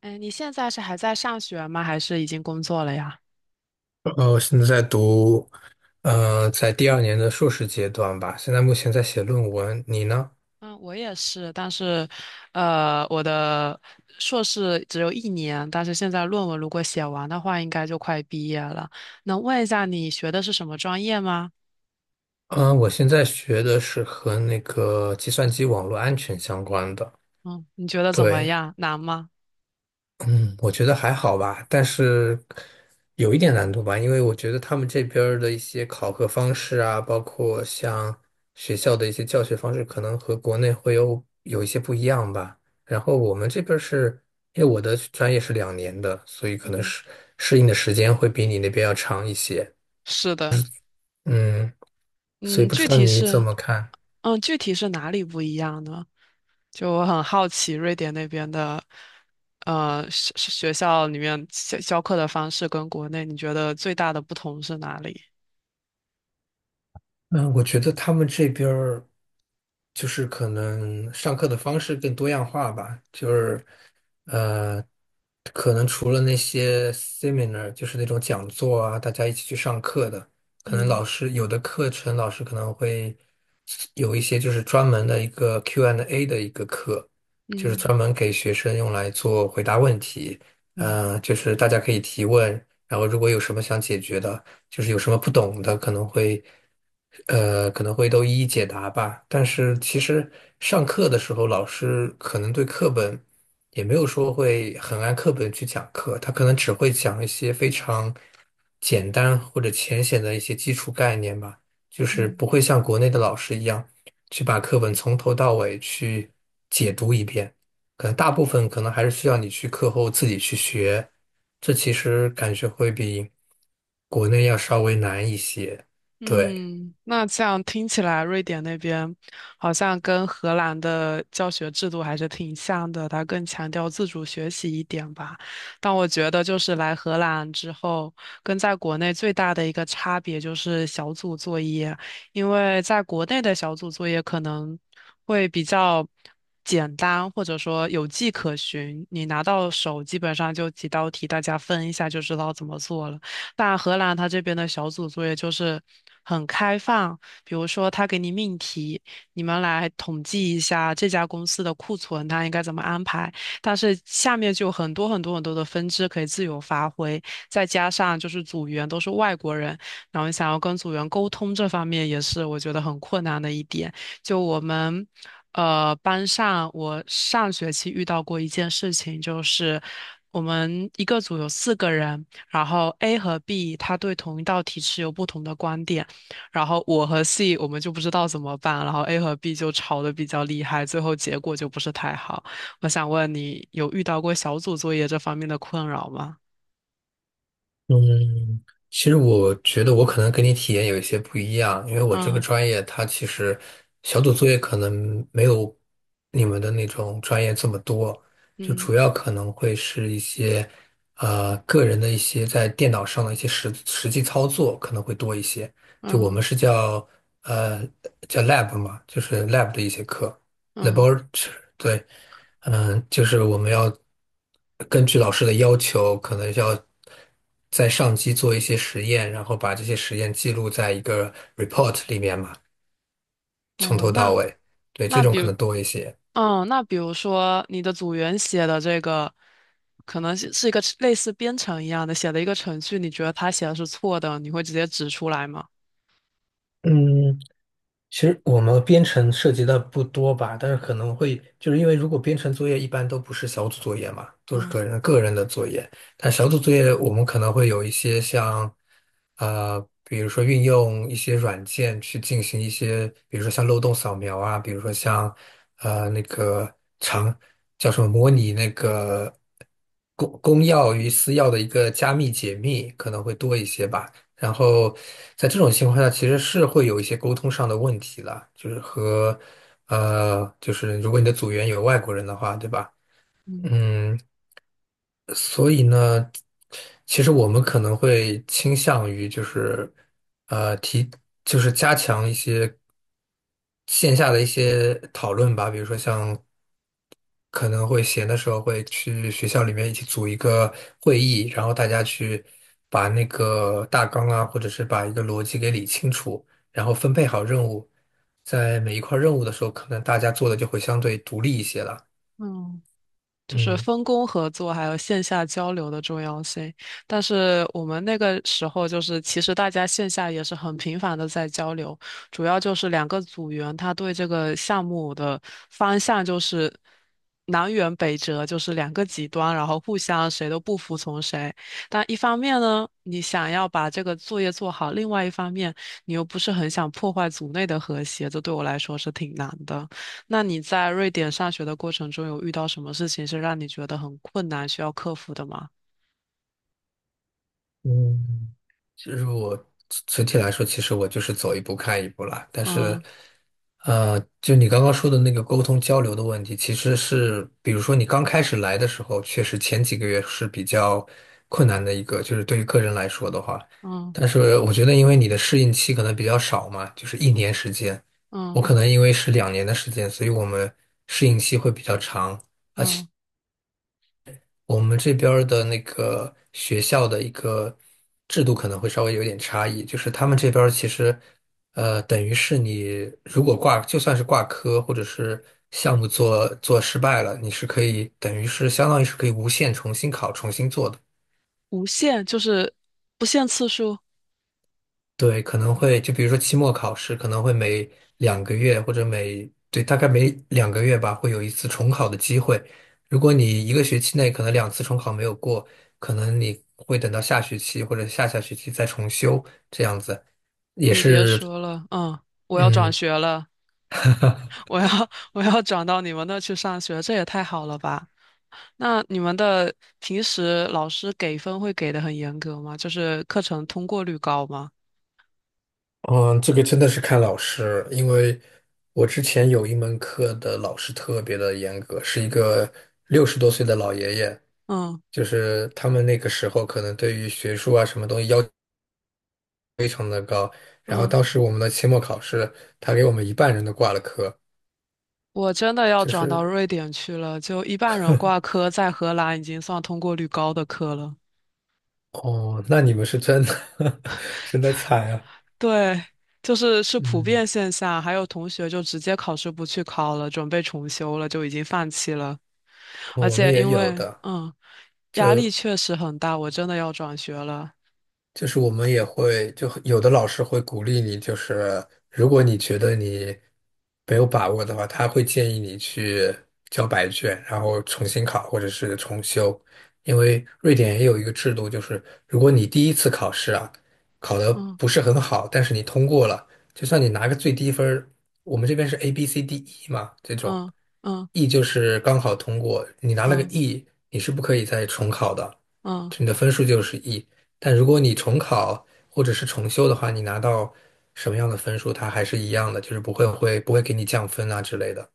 嗯，你现在是还在上学吗？还是已经工作了呀？我现在在读，在第二年的硕士阶段吧。现在目前在写论文，你呢？嗯，我也是，但是，我的硕士只有一年，但是现在论文如果写完的话，应该就快毕业了。能问一下你学的是什么专业吗？嗯、我现在学的是和那个计算机网络安全相关的。嗯，你觉得怎么对，样？难吗？嗯，我觉得还好吧，但是有一点难度吧，因为我觉得他们这边儿的一些考核方式啊，包括像学校的一些教学方式，可能和国内会有一些不一样吧。然后我们这边儿是，因为我的专业是两年的，所以可能嗯，适应的时间会比你那边要长一些。是的，嗯，所以嗯，不具知道体你怎是，么看？嗯，具体是哪里不一样呢？就我很好奇瑞典那边的，学校里面教课的方式跟国内，你觉得最大的不同是哪里？嗯，我觉得他们这边儿就是可能上课的方式更多样化吧，就是呃，可能除了那些 seminar，就是那种讲座啊，大家一起去上课的，可能嗯老师有的课程老师可能会有一些就是专门的一个 Q&A n d A 的一个课，就是嗯专门给学生用来做回答问题，嗯。就是大家可以提问，然后如果有什么想解决的。就是有什么不懂的可能会都一一解答吧。但是其实上课的时候，老师可能对课本也没有说会很按课本去讲课，他可能只会讲一些非常简单或者浅显的一些基础概念吧，就是嗯。不会像国内的老师一样去把课本从头到尾去解读一遍。可能大部分可能还是需要你去课后自己去学，这其实感觉会比国内要稍微难一些。对。嗯，那这样听起来，瑞典那边好像跟荷兰的教学制度还是挺像的，它更强调自主学习一点吧。但我觉得，就是来荷兰之后，跟在国内最大的一个差别就是小组作业，因为在国内的小组作业可能会比较简单，或者说有迹可循，你拿到手基本上就几道题，大家分一下就知道怎么做了。但荷兰它这边的小组作业就是很开放，比如说他给你命题，你们来统计一下这家公司的库存它应该怎么安排，但是下面就有很多很多很多的分支可以自由发挥，再加上就是组员都是外国人，然后想要跟组员沟通这方面也是我觉得很困难的一点。就我们班上，我上学期遇到过一件事情，就是我们一个组有4个人，然后 A 和 B 他对同一道题持有不同的观点，然后我和 C 我们就不知道怎么办，然后 A 和 B 就吵得比较厉害，最后结果就不是太好。我想问你，有遇到过小组作业这方面的困扰吗？嗯，其实我觉得我可能跟你体验有一些不一样，因为我这个嗯专业它其实小组作业可能没有你们的那种专业这么多，就嗯主要可能会是一些个人的一些在电脑上的一些实际操作可能会多一些。就我们嗯是呃叫 lab 嘛，就是 lab 的一些课嗯，laboratory 对。就是我们要根据老师的要求，可能要在上机做一些实验，然后把这些实验记录在一个 report 里面嘛，从哦，头到尾。对，这那种比可如能多一些。那比如说你的组员写的这个，可能是一个类似编程一样的，写的一个程序，你觉得他写的是错的，你会直接指出来吗？嗯。其实我们编程涉及的不多吧，但是可能会就是因为如果编程作业一般都不是小组作业嘛，都是嗯个人个人的作业，但小组作业我们可能会有一些像，比如说运用一些软件去进行一些，比如说像漏洞扫描啊，比如说像那个长叫什么模拟那个公钥与私钥的一个加密解密可能会多一些吧。然后在这种情况下，其实是会有一些沟通上的问题啦，就是和就是如果你的组员有外国人的话，对吧？嗯嗯，所以呢，其实我们可能会倾向于就是呃提，就是加强一些线下的一些讨论吧，比如说像。可能会闲的时候会去学校里面一起组一个会议，然后大家去把那个大纲啊，或者是把一个逻辑给理清楚，然后分配好任务。在每一块任务的时候，可能大家做的就会相对独立一些了。嗯就是嗯。分工合作还有线下交流的重要性。但是我们那个时候就是，其实大家线下也是很频繁的在交流，主要就是两个组员他对这个项目的方向就是南辕北辙，就是两个极端，然后互相谁都不服从谁。但一方面呢，你想要把这个作业做好，另外一方面你又不是很想破坏组内的和谐，这对我来说是挺难的。那你在瑞典上学的过程中，有遇到什么事情是让你觉得很困难、需要克服的吗？嗯，其实我整体来说，其实我就是走一步看一步啦。但是，嗯就你刚刚说的那个沟通交流的问题，其实是，比如说你刚开始来的时候，确实前几个月是比较困难的一个，就是对于个人来说的话。嗯但是我觉得，因为你的适应期可能比较少嘛，就是1年时间，我嗯可能因为是两年的时间，所以我们适应期会比较长。嗯，我们这边儿的那个学校的一个制度可能会稍微有点差异，就是他们这边儿其实，等于是你如果挂，就算是挂科或者是项目做失败了，你是可以等于是相当于是可以无限重新考、重新做的。无限就是不限次数。对，可能会就比如说期末考试，可能会每两个月或者每，对，大概每两个月吧，会有一次重考的机会。如果你一个学期内可能2次重考没有过，可能你会等到下学期或者下下学期再重修，这样子也你别是，说了，嗯，我要转嗯学了，我要 我要转到你们那去上学，这也太好了吧？那你们的平时老师给分会给的很严格吗？就是课程通过率高吗？嗯，这个真的是看老师，因为我之前有一门课的老师特别的严格，是一个60多岁的老爷爷。嗯就是他们那个时候可能对于学术啊什么东西要然后嗯。当时我们的期末考试，他给我们一半人都挂了科，我真的要就转到是瑞典去了，就一半人挂科，在荷兰已经算通过率高的科了。哦，那你们是真的 真的惨啊。对，就是是普嗯，遍现象，还有同学就直接考试不去考了，准备重修了，就已经放弃了。而我们且也因有为的。嗯，压力确实很大，我真的要转学了。就是我们也会，就有的老师会鼓励你，就是如果你觉得你没有把握的话，他会建议你去交白卷，然后重新考或者是重修。因为瑞典也有一个制度，就是如果你第一次考试啊考得嗯不是很好，但是你通过了，就算你拿个最低分儿我们这边是 A、B、C、D、E 嘛，这种。嗯嗯 E 就是刚好通过，你拿了个 嗯嗯。E，你是不可以再重考的，嗯就你的分数就是 E。但如果你重考或者是重修的话，你拿到什么样的分数，它还是一样的，就是不会会不会给你降分啊之类的。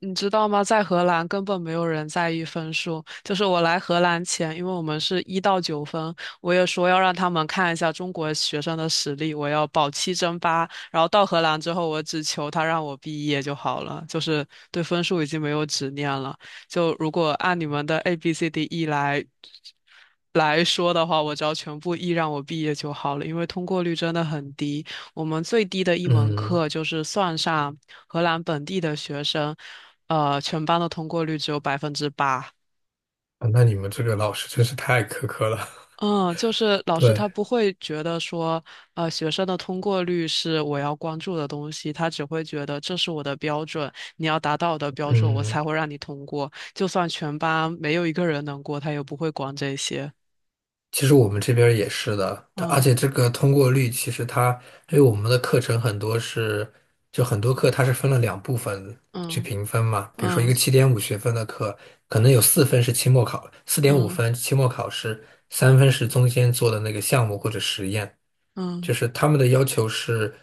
你知道吗？在荷兰根本没有人在意分数。就是我来荷兰前，因为我们是1到9分，我也说要让他们看一下中国学生的实力，我要保七争八。然后到荷兰之后，我只求他让我毕业就好了，就是对分数已经没有执念了。就如果按你们的 A B C D E 来说的话，我只要全部 E 让我毕业就好了，因为通过率真的很低。我们最低的一门嗯。课就是算上荷兰本地的学生，全班的通过率只有百分之八。啊那你们这个老师真是太苛刻了。嗯，就是 老师对，他不会觉得说，学生的通过率是我要关注的东西，他只会觉得这是我的标准，你要达到我的标准，我嗯，才会让你通过。就算全班没有一个人能过，他也不会管这些。其实我们这边儿也是的，它而嗯且这个通过率，其实它因为我们的课程很多是，就很多课它是分了两部分去嗯评分嘛。比如说一个嗯7.5学分的课，可能有4分是期末考，四点五嗯分期末考试，3分是中间做的那个项目或者实验。嗯就嗯是他们的要求是，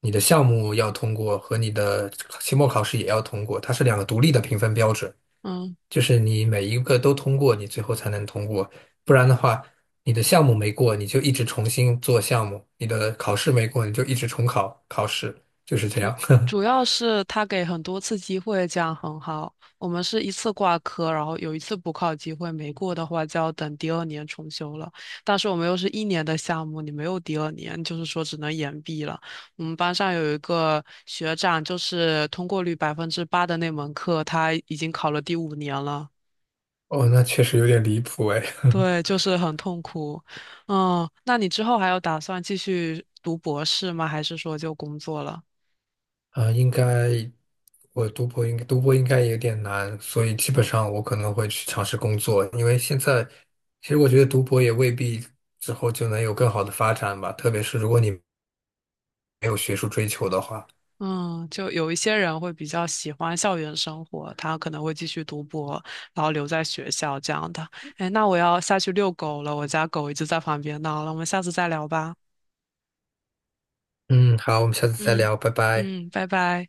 你的项目要通过和你的期末考试也要通过，它是两个独立的评分标准。嗯。就是你每一个都通过，你最后才能通过，不然的话，你的项目没过，你就一直重新做项目；你的考试没过，你就一直重考考试，就是这样。主 要是他给很多次机会，这样很好。我们是一次挂科，然后有一次补考机会，没过的话就要等第二年重修了。但是我们又是一年的项目，你没有第二年，就是说只能延毕了。我们班上有一个学长，就是通过率百分之八的那门课，他已经考了第5年了。哦，那确实有点离谱哎。对，就是很痛苦。嗯，那你之后还有打算继续读博士吗？还是说就工作了？啊，我读博应该有点难，所以基本上我可能会去尝试工作，因为现在其实我觉得读博也未必之后就能有更好的发展吧，特别是如果你没有学术追求的话。嗯，就有一些人会比较喜欢校园生活，他可能会继续读博，然后留在学校这样的。哎，那我要下去遛狗了，我家狗一直在旁边闹了，我们下次再聊吧。嗯，好，我们下次再嗯聊，拜拜。嗯，拜拜。